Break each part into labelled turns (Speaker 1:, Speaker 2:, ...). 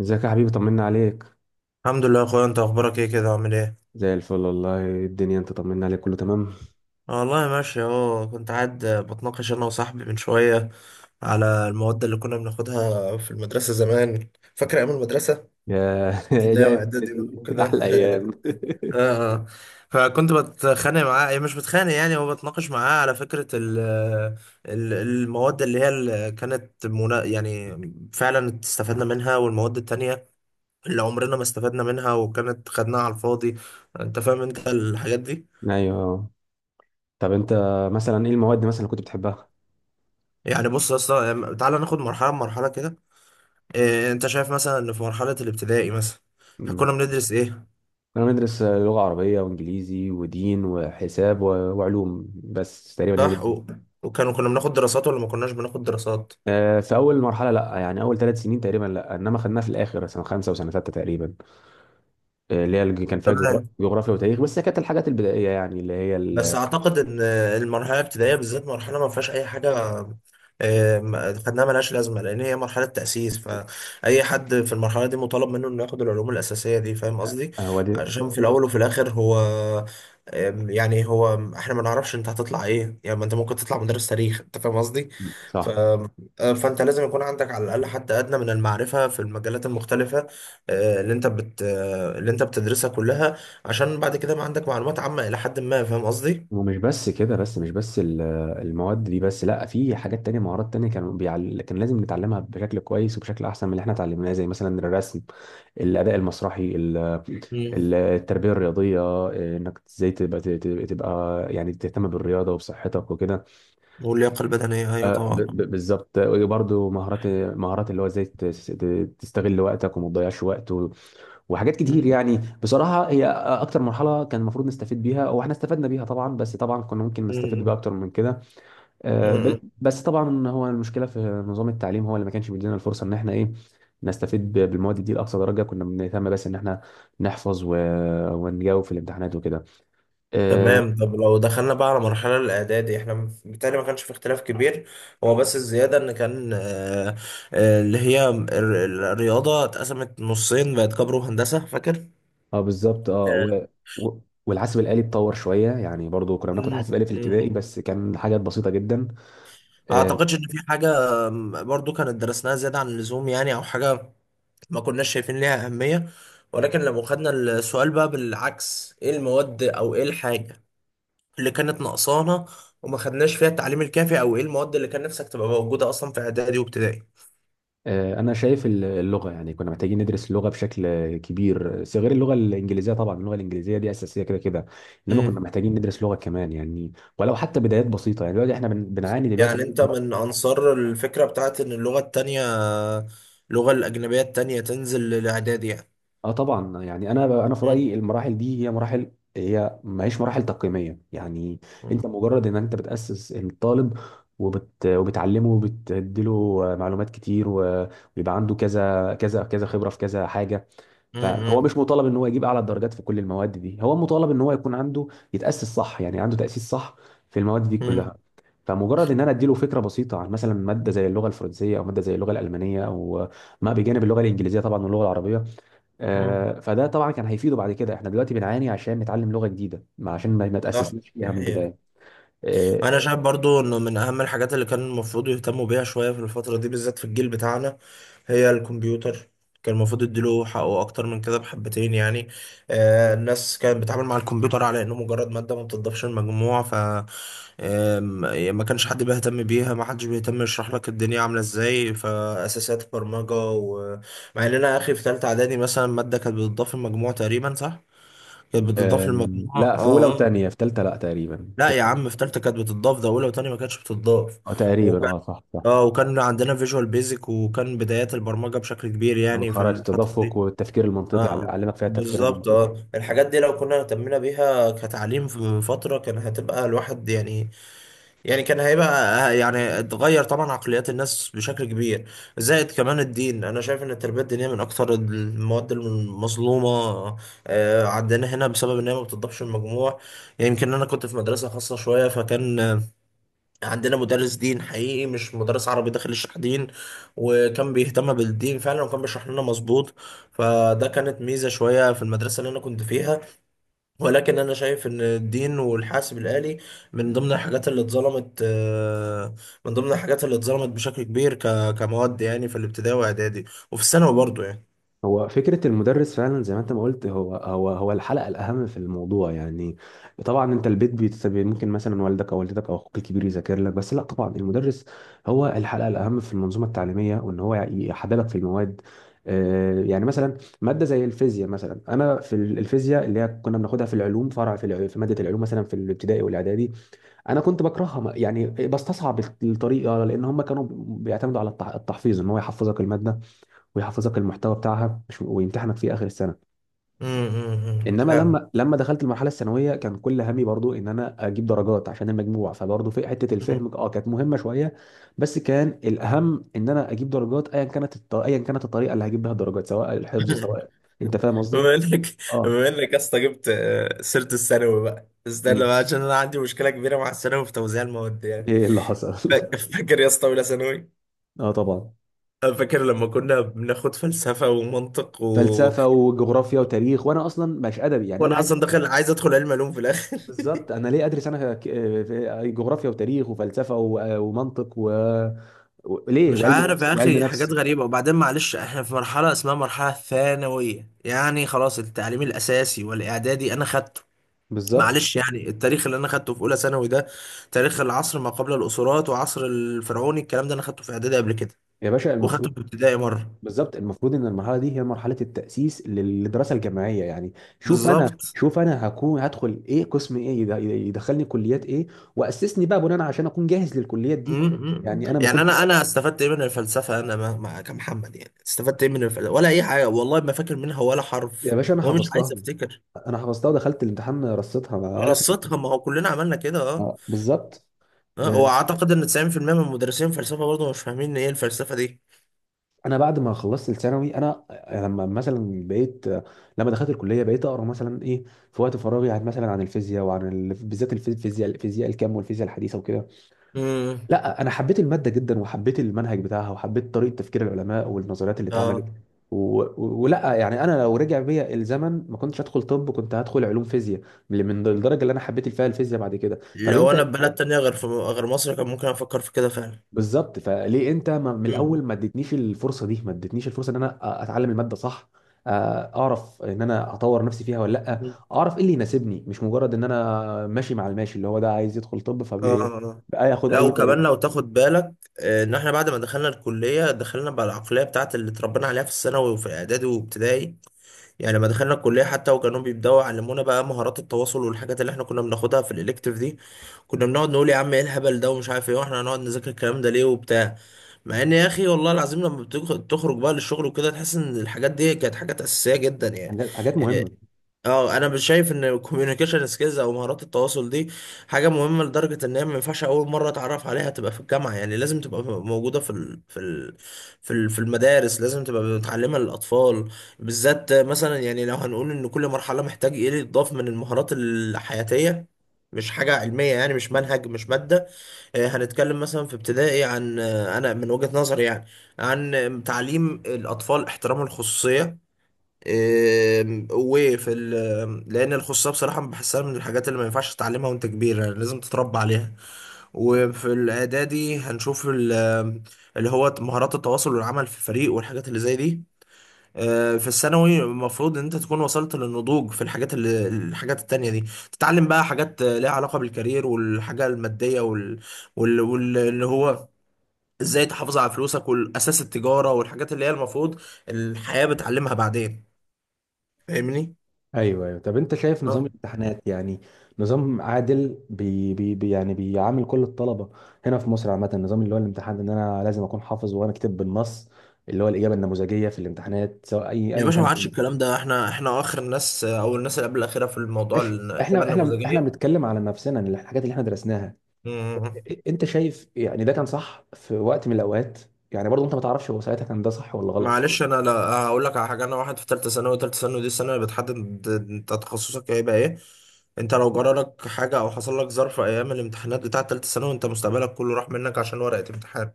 Speaker 1: ازيك يا حبيبي، طمنا عليك.
Speaker 2: الحمد لله يا اخويا، انت اخبارك ايه كده؟ عامل ايه؟
Speaker 1: زي الفل والله. الدنيا، انت طمنا عليك، كله تمام.
Speaker 2: آه والله ماشي اهو. كنت قاعد بتناقش انا وصاحبي من شويه على المواد اللي كنا بناخدها في المدرسه زمان. فاكر ايام المدرسه؟
Speaker 1: ايه ده
Speaker 2: ابتدائي
Speaker 1: يا
Speaker 2: واعدادي بقى
Speaker 1: ابني؟
Speaker 2: وكده.
Speaker 1: احلى ايام.
Speaker 2: اه، اه. فكنت بتخانق معاه، إيه، مش بتخانق، يعني هو بتناقش معاه على فكره المواد اللي هي اللي كانت منا، يعني فعلا استفدنا منها، والمواد التانية اللي عمرنا ما استفدنا منها وكانت خدناها على الفاضي. انت فاهم الحاجات دي؟
Speaker 1: ايوه، طب انت مثلا ايه المواد مثلا اللي كنت بتحبها؟
Speaker 2: يعني بص يا اسطى، تعالى ناخد مرحله مرحله كده. إيه، انت شايف مثلا ان في مرحله الابتدائي مثلا
Speaker 1: مم.
Speaker 2: كنا بندرس ايه؟
Speaker 1: انا بدرس لغه عربيه وانجليزي ودين وحساب وعلوم، بس تقريبا هي
Speaker 2: صح،
Speaker 1: دي.
Speaker 2: كنا بناخد دراسات ولا ما كناش بناخد دراسات؟
Speaker 1: في اول مرحله لا، يعني اول 3 سنين تقريبا لا، انما خدناها في الاخر سنه 5 وسنه 6 تقريبا. كان فيها
Speaker 2: تمام.
Speaker 1: جغرافيا وتاريخ، بس هي كانت الحاجات البدائيه، يعني اللي هي
Speaker 2: بس
Speaker 1: ال-
Speaker 2: اعتقد ان المرحله الابتدائيه بالذات مرحله ما فيهاش اي حاجه. خدناها ملهاش لازمه، لان هي مرحله تاسيس، فاي حد في المرحله دي مطالب منه انه ياخد العلوم الاساسيه دي. فاهم قصدي؟
Speaker 1: هو دي.
Speaker 2: عشان في الاول وفي الاخر هو، يعني هو احنا ما نعرفش انت هتطلع ايه، يعني ما انت ممكن تطلع مدرس تاريخ. انت فاهم قصدي؟
Speaker 1: مم.
Speaker 2: ف...
Speaker 1: صح.
Speaker 2: آه، فانت لازم يكون عندك على الاقل حتى ادنى من المعرفه في المجالات المختلفه، اللي انت بتدرسها كلها، عشان بعد كده بقى عندك معلومات عامة إلى حد ما. فاهم قصدي؟
Speaker 1: ومش بس كده، بس مش بس المواد دي بس، لا في حاجات تانية، مهارات تانية كانوا كان لازم نتعلمها بشكل كويس وبشكل احسن من اللي احنا اتعلمناه، زي مثلا الرسم، الاداء المسرحي
Speaker 2: مم.
Speaker 1: التربية الرياضية، انك ازاي تبقى يعني تهتم بالرياضة وبصحتك وكده.
Speaker 2: واللياقة البدنية، أيوة طبعا.
Speaker 1: بالظبط، برضه مهارات، مهارات اللي هو ازاي تستغل وقتك وما تضيعش وقت وحاجات كتير،
Speaker 2: مم.
Speaker 1: يعني بصراحة هي اكتر مرحلة كان المفروض نستفيد بيها، واحنا استفدنا بيها طبعا، بس طبعا كنا ممكن نستفيد بيها
Speaker 2: مم.
Speaker 1: اكتر من كده.
Speaker 2: مم.
Speaker 1: بس طبعا هو المشكله في نظام التعليم، هو اللي ما كانش بيدينا الفرصه ان احنا ايه، نستفيد بالمواد دي لاقصى درجه، كنا بنهتم بس ان احنا نحفظ ونجاوب في الامتحانات وكده. اه.
Speaker 2: تمام. طب لو دخلنا بقى على مرحلة الإعدادي، إحنا بالتالي ما كانش في اختلاف كبير، هو بس الزيادة إن كان، اللي هي الرياضة اتقسمت نصين، بقت كبر وهندسة. فاكر؟
Speaker 1: بالظبط. اه.
Speaker 2: آه.
Speaker 1: و... والحاسب الآلي اتطور شويه، يعني برضو كنا بناخد
Speaker 2: مم.
Speaker 1: حاسب آلي في
Speaker 2: مم.
Speaker 1: الابتدائي، بس كان حاجات بسيطه جدا. آه،
Speaker 2: أعتقدش إن في حاجة برضو كانت درسناها زيادة عن اللزوم، يعني أو حاجة ما كناش شايفين ليها أهمية. ولكن لو خدنا السؤال بقى بالعكس، ايه المواد او ايه الحاجة اللي كانت ناقصانا وما خدناش فيها التعليم الكافي، او ايه المواد اللي كان نفسك تبقى موجودة اصلا في اعدادي وابتدائي؟
Speaker 1: انا شايف اللغه، يعني كنا محتاجين ندرس اللغه بشكل كبير. غير اللغه الانجليزيه طبعا، اللغه الانجليزيه دي اساسيه كده كده، انما كنا
Speaker 2: امم.
Speaker 1: محتاجين ندرس لغه كمان يعني، ولو حتى بدايات بسيطه. يعني دلوقتي احنا بنعاني دلوقتي
Speaker 2: يعني
Speaker 1: إن
Speaker 2: انت
Speaker 1: إحنا-
Speaker 2: من انصار الفكرة بتاعت ان اللغة التانية، اللغة الاجنبية التانية تنزل للاعدادي يعني.
Speaker 1: اه طبعا، يعني انا في
Speaker 2: مم.
Speaker 1: رايي المراحل دي هي مراحل، هي ما هيش مراحل تقييميه يعني.
Speaker 2: مم.
Speaker 1: انت مجرد ان انت بتاسس الطالب، وبتعلمه، وبتديله معلومات كتير ويبقى عنده كذا كذا كذا خبره في كذا حاجه. فهو
Speaker 2: مم.
Speaker 1: مش مطالب ان هو يجيب اعلى الدرجات في كل المواد دي، هو مطالب ان هو يكون عنده، يتاسس صح، يعني عنده تاسيس صح في المواد دي كلها.
Speaker 2: مم.
Speaker 1: فمجرد ان انا اديله فكره بسيطه عن مثلا ماده زي اللغه الفرنسيه او ماده زي اللغه الالمانيه، او ما بجانب اللغه الانجليزيه طبعا واللغه العربيه.
Speaker 2: مم.
Speaker 1: فده طبعا كان هيفيده. بعد كده احنا دلوقتي بنعاني عشان نتعلم لغه جديده، عشان ما
Speaker 2: صح.
Speaker 1: تاسسناش
Speaker 2: دي
Speaker 1: فيها من البدايه.
Speaker 2: حقيقة.
Speaker 1: آه،
Speaker 2: انا شايف برضو انه من اهم الحاجات اللي كان المفروض يهتموا بيها شوية في الفترة دي بالذات في الجيل بتاعنا هي الكمبيوتر. كان المفروض يديله حقه اكتر من كده بحبتين يعني. آه، الناس كانت بتتعامل مع الكمبيوتر على انه مجرد مادة ما بتضافش المجموع. ف آم، يعني ما كانش حد بيهتم بيها، ما حدش بيهتم يشرح لك الدنيا عاملة ازاي، فاساسيات البرمجة مع ان انا اخي في تالتة اعدادي مثلا، مادة كانت بتضاف المجموع تقريبا، صح؟ كانت بتضاف
Speaker 1: آه،
Speaker 2: المجموع،
Speaker 1: لا، في اولى
Speaker 2: اه.
Speaker 1: وثانيه، في ثالثه لا تقريبا
Speaker 2: لا
Speaker 1: كده.
Speaker 2: يا عم، في تالتة كانت بتضاف، ده اولى وتانية ما كانتش بتضاف.
Speaker 1: اه، تقريبا
Speaker 2: وكان
Speaker 1: اه، صح صح.
Speaker 2: اه وكان عندنا فيجوال بيزك، وكان بدايات البرمجة بشكل كبير
Speaker 1: او
Speaker 2: يعني في
Speaker 1: خرائط
Speaker 2: الفترة
Speaker 1: التدفق
Speaker 2: دي.
Speaker 1: والتفكير المنطقي،
Speaker 2: اه،
Speaker 1: علمك فيها التفكير
Speaker 2: بالظبط،
Speaker 1: المنطقي.
Speaker 2: اه، الحاجات دي لو كنا اهتمينا بيها كتعليم في فترة، كان هتبقى الواحد يعني، كان هيبقى، يعني اتغير طبعا عقليات الناس بشكل كبير. زائد كمان الدين، انا شايف ان التربية الدينية من اكثر المواد المظلومة عندنا هنا، بسبب ان هي ما بتضافش المجموع. يمكن، يعني انا كنت في مدرسة خاصة شوية، فكان عندنا مدرس دين حقيقي، مش مدرس عربي داخل يشرح دين، وكان بيهتم بالدين فعلا، وكان بيشرح لنا مظبوط، فده كانت ميزة شوية في المدرسة اللي أنا كنت فيها. ولكن أنا شايف إن الدين والحاسب الآلي من ضمن الحاجات اللي اتظلمت، بشكل كبير كمواد يعني، في الابتدائي وإعدادي، وفي الثانوي برضه يعني.
Speaker 1: هو فكرة المدرس فعلا زي ما انت ما قلت، هو الحلقة الأهم في الموضوع يعني. طبعا انت البيت بيتسبب، ممكن مثلا والدك او والدتك او اخوك الكبير يذاكر لك، بس لا طبعا المدرس هو الحلقة الأهم في المنظومة التعليمية، وان هو يحببك في المواد. يعني مثلا مادة زي الفيزياء مثلا، انا في الفيزياء اللي هي كنا بناخدها في العلوم، فرع في في مادة العلوم مثلا في الابتدائي والاعدادي، انا كنت بكرهها، يعني بستصعب الطريقة، لان هم كانوا بيعتمدوا على التحفيظ، ان هو يحفظك المادة، ويحفظك المحتوى بتاعها، ويمتحنك فيه اخر السنه.
Speaker 2: أمم، أمم، أنت
Speaker 1: انما
Speaker 2: فاهم؟
Speaker 1: لما دخلت المرحله الثانويه، كان كل همي برضو ان انا اجيب درجات عشان المجموع، فبرضو في حته الفهم اه كانت مهمه شويه، بس كان الاهم ان انا اجيب درجات ايا كانت الطريقه اللي هجيب بها الدرجات، سواء الحفظ، سواء، انت فاهم قصدي.
Speaker 2: بما انك
Speaker 1: اه.
Speaker 2: بما انك يا اسطى جبت سيره الثانوي بقى، استنى
Speaker 1: مم.
Speaker 2: بقى، عشان انا عندي مشكله كبيره مع الثانوي في توزيع المواد يعني.
Speaker 1: ايه اللي حصل؟
Speaker 2: فاكر يا اسطى اولى ثانوي؟
Speaker 1: اه طبعا.
Speaker 2: أنا فاكر لما كنا بناخد فلسفه ومنطق
Speaker 1: فلسفه وجغرافيا وتاريخ، وانا اصلا مش ادبي، يعني انا
Speaker 2: وانا
Speaker 1: عايز،
Speaker 2: اصلا داخل عايز ادخل علم علوم في الاخر.
Speaker 1: بالظبط. انا ليه ادرس انا في جغرافيا وتاريخ وفلسفه ومنطق ليه
Speaker 2: مش
Speaker 1: وعلم
Speaker 2: عارف
Speaker 1: نفس
Speaker 2: يا
Speaker 1: وعلم
Speaker 2: اخي، حاجات
Speaker 1: نفس
Speaker 2: غريبه. وبعدين معلش، احنا في مرحله اسمها مرحله ثانويه، يعني خلاص، التعليم الاساسي والاعدادي انا خدته.
Speaker 1: بالظبط
Speaker 2: معلش، يعني التاريخ اللي انا خدته في اولى ثانوي ده، تاريخ العصر ما قبل الاسرات وعصر الفرعوني، الكلام ده انا خدته في اعدادي قبل كده،
Speaker 1: يا باشا،
Speaker 2: وخدته
Speaker 1: المفروض،
Speaker 2: في ابتدائي مره.
Speaker 1: بالظبط. المفروض ان المرحله دي هي مرحله التاسيس للدراسه الجامعيه يعني. شوف انا
Speaker 2: بالظبط.
Speaker 1: شوف انا هدخل ايه قسم ايه، يدخلني كليات ايه، واسسني بقى بناء عشان اكون جاهز للكليات
Speaker 2: م-
Speaker 1: دي.
Speaker 2: م- م.
Speaker 1: يعني انا ما
Speaker 2: يعني
Speaker 1: كنت.
Speaker 2: انا استفدت ايه من الفلسفه؟ انا ما كمحمد، يعني استفدت ايه من الفلسفه ولا اي حاجه؟ والله ما فاكر منها ولا
Speaker 1: يا
Speaker 2: حرف،
Speaker 1: باشا انا
Speaker 2: ومش
Speaker 1: حفظتها.
Speaker 2: عايز افتكر.
Speaker 1: انا حفظتها، ودخلت الامتحان رصيتها، ولا فاكر.
Speaker 2: رصتها، ما هو كلنا عملنا كده، اه.
Speaker 1: بالظبط. آه،
Speaker 2: واعتقد ان 90% من مدرسين الفلسفه برضه مش فاهمين ايه الفلسفه دي.
Speaker 1: انا بعد ما خلصت الثانوي انا، لما مثلا بقيت لما دخلت الكليه، بقيت اقرا مثلا ايه في وقت فراغي، عن مثلا الفيزياء بالذات الفيزياء الكم، والفيزياء الحديثه وكده.
Speaker 2: امم
Speaker 1: لا انا حبيت الماده جدا، وحبيت المنهج بتاعها، وحبيت طريقه تفكير العلماء والنظريات اللي اتعملت
Speaker 2: اه
Speaker 1: و... و- ولا، يعني انا لو رجع بيا الزمن ما كنتش هدخل طب، كنت هدخل علوم فيزياء، من الدرجه اللي انا حبيت فيها الفيزياء بعد كده. طب
Speaker 2: لو
Speaker 1: انت،
Speaker 2: انا في بلد تانية، غير في غير مصر، كان ممكن افكر في كده فعلا.
Speaker 1: بالظبط. فليه انت من
Speaker 2: مم.
Speaker 1: الاول ما اديتنيش الفرصه ان انا اتعلم الماده صح، اعرف ان انا اطور نفسي فيها ولا لا،
Speaker 2: مم.
Speaker 1: اعرف ايه اللي يناسبني، مش مجرد ان انا ماشي مع الماشي، اللي هو ده عايز يدخل طب
Speaker 2: اه.
Speaker 1: فبقى
Speaker 2: آه.
Speaker 1: ياخد
Speaker 2: لا،
Speaker 1: اي
Speaker 2: وكمان لو
Speaker 1: طريقه.
Speaker 2: تاخد بالك ان احنا بعد ما دخلنا الكليه دخلنا بالعقليه بتاعت اللي اتربينا عليها في الثانوي وفي اعدادي وابتدائي. يعني لما دخلنا الكليه حتى، وكانوا بيبداوا يعلمونا بقى مهارات التواصل والحاجات اللي احنا كنا بناخدها في الالكتيف دي، كنا بنقعد نقول يا عم ايه الهبل ده ومش عارف ايه، واحنا هنقعد نذاكر الكلام ده ليه وبتاع. مع ان، يا اخي والله العظيم، لما بتخرج بقى للشغل وكده تحس ان الحاجات دي كانت حاجات اساسيه جدا يعني.
Speaker 1: حاجات حاجات مهمه.
Speaker 2: اه، انا مش شايف ان الكوميونيكيشن سكيلز او مهارات التواصل دي حاجه مهمه لدرجه ان هي ما ينفعش اول مره اتعرف عليها تبقى في الجامعه. يعني لازم تبقى موجوده في المدارس، لازم تبقى متعلمه للاطفال بالذات. مثلا يعني، لو هنقول ان كل مرحله محتاج ايه اللي يتضاف من المهارات الحياتيه، مش حاجة علمية يعني، مش منهج، مش مادة. هنتكلم مثلا في ابتدائي عن، أنا من وجهة نظري يعني، عن تعليم الأطفال احترام الخصوصية. لان الخصوصيه بصراحه بحسها من الحاجات اللي ما ينفعش تتعلمها وانت كبير، يعني لازم تتربى عليها. وفي الاعدادي هنشوف اللي هو مهارات التواصل والعمل في فريق والحاجات اللي زي دي. في الثانوي المفروض ان انت تكون وصلت للنضوج في الحاجات الحاجات التانية دي. تتعلم بقى حاجات ليها علاقة بالكارير والحاجة المادية، اللي هو ازاي تحافظ على فلوسك، والاساس التجارة، والحاجات اللي هي المفروض الحياة بتعلمها بعدين. فاهمني؟
Speaker 1: ايوه ايوه، طب انت شايف
Speaker 2: اه
Speaker 1: نظام الامتحانات يعني نظام عادل، يعني بيعامل كل الطلبه هنا في مصر عامه، النظام اللي هو الامتحان، ان انا لازم اكون حافظ، وانا كاتب بالنص اللي هو الاجابه النموذجيه في الامتحانات، سواء
Speaker 2: يا
Speaker 1: ايا
Speaker 2: باشا، ما
Speaker 1: كانت.
Speaker 2: عادش الكلام ده. احنا اخر الناس، او الناس اللي قبل الاخيره في الموضوع
Speaker 1: إح-
Speaker 2: الاجابه
Speaker 1: احنا
Speaker 2: النموذجيه.
Speaker 1: بنتكلم على نفسنا، إن الحاجات اللي احنا درسناها،
Speaker 2: مم.
Speaker 1: انت شايف يعني ده كان صح في وقت من الاوقات، يعني برضه انت ما تعرفش هو ساعتها كان ده صح ولا غلط.
Speaker 2: معلش انا، لا، هقول لك على حاجه. انا واحد في ثالثه ثانوي، ثالثه ثانوي دي السنه اللي بتحدد انت تخصصك هيبقى ايه. انت لو جرالك حاجه او حصل لك ظرف ايام الامتحانات بتاعه ثالثه ثانوي، انت مستقبلك كله راح منك عشان ورقه امتحان.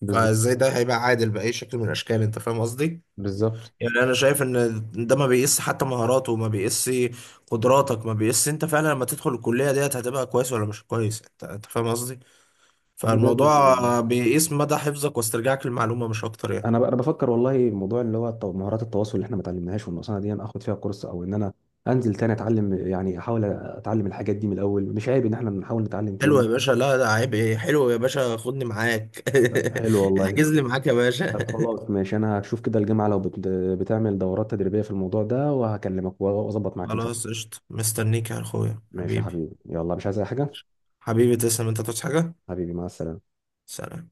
Speaker 1: بالظبط،
Speaker 2: فازاي ده هيبقى عادل باي شكل من الاشكال؟ انت فاهم قصدي؟
Speaker 1: بالظبط.
Speaker 2: يعني انا شايف ان ده ما بيقيس حتى مهاراته، ما بيقيس قدراتك، ما بيقيس انت فعلا لما تدخل الكليه ديت هتبقى كويس ولا مش كويس. انت فاهم قصدي؟
Speaker 1: احنا لازم،
Speaker 2: فالموضوع
Speaker 1: يعني
Speaker 2: بيقيس مدى حفظك واسترجاعك للمعلومه مش اكتر يعني.
Speaker 1: انا بفكر والله، موضوع اللي هو مهارات التواصل اللي احنا ما اتعلمناهاش والنقصانه دي، انا اخد فيها كورس، او ان انا انزل تاني اتعلم. يعني احاول اتعلم الحاجات دي من الاول، مش عيب ان احنا نحاول نتعلم
Speaker 2: حلو
Speaker 1: تاني.
Speaker 2: يا باشا، لا ده عيب ايه، حلو يا باشا، خدني معاك.
Speaker 1: حلو والله.
Speaker 2: احجز لي معاك يا باشا.
Speaker 1: طب خلاص ماشي، انا هشوف كده الجامعه لو بتعمل دورات تدريبيه في الموضوع ده، وهكلمك واظبط معاك ان شاء الله.
Speaker 2: خلاص قشطه، مستنيك يا اخويا
Speaker 1: ماشي يا
Speaker 2: حبيبي.
Speaker 1: حبيبي، يلا مش عايز اي حاجه.
Speaker 2: حبيبي تسلم، انت تصحى حاجه.
Speaker 1: حبيبي مع السلامه.
Speaker 2: سلام.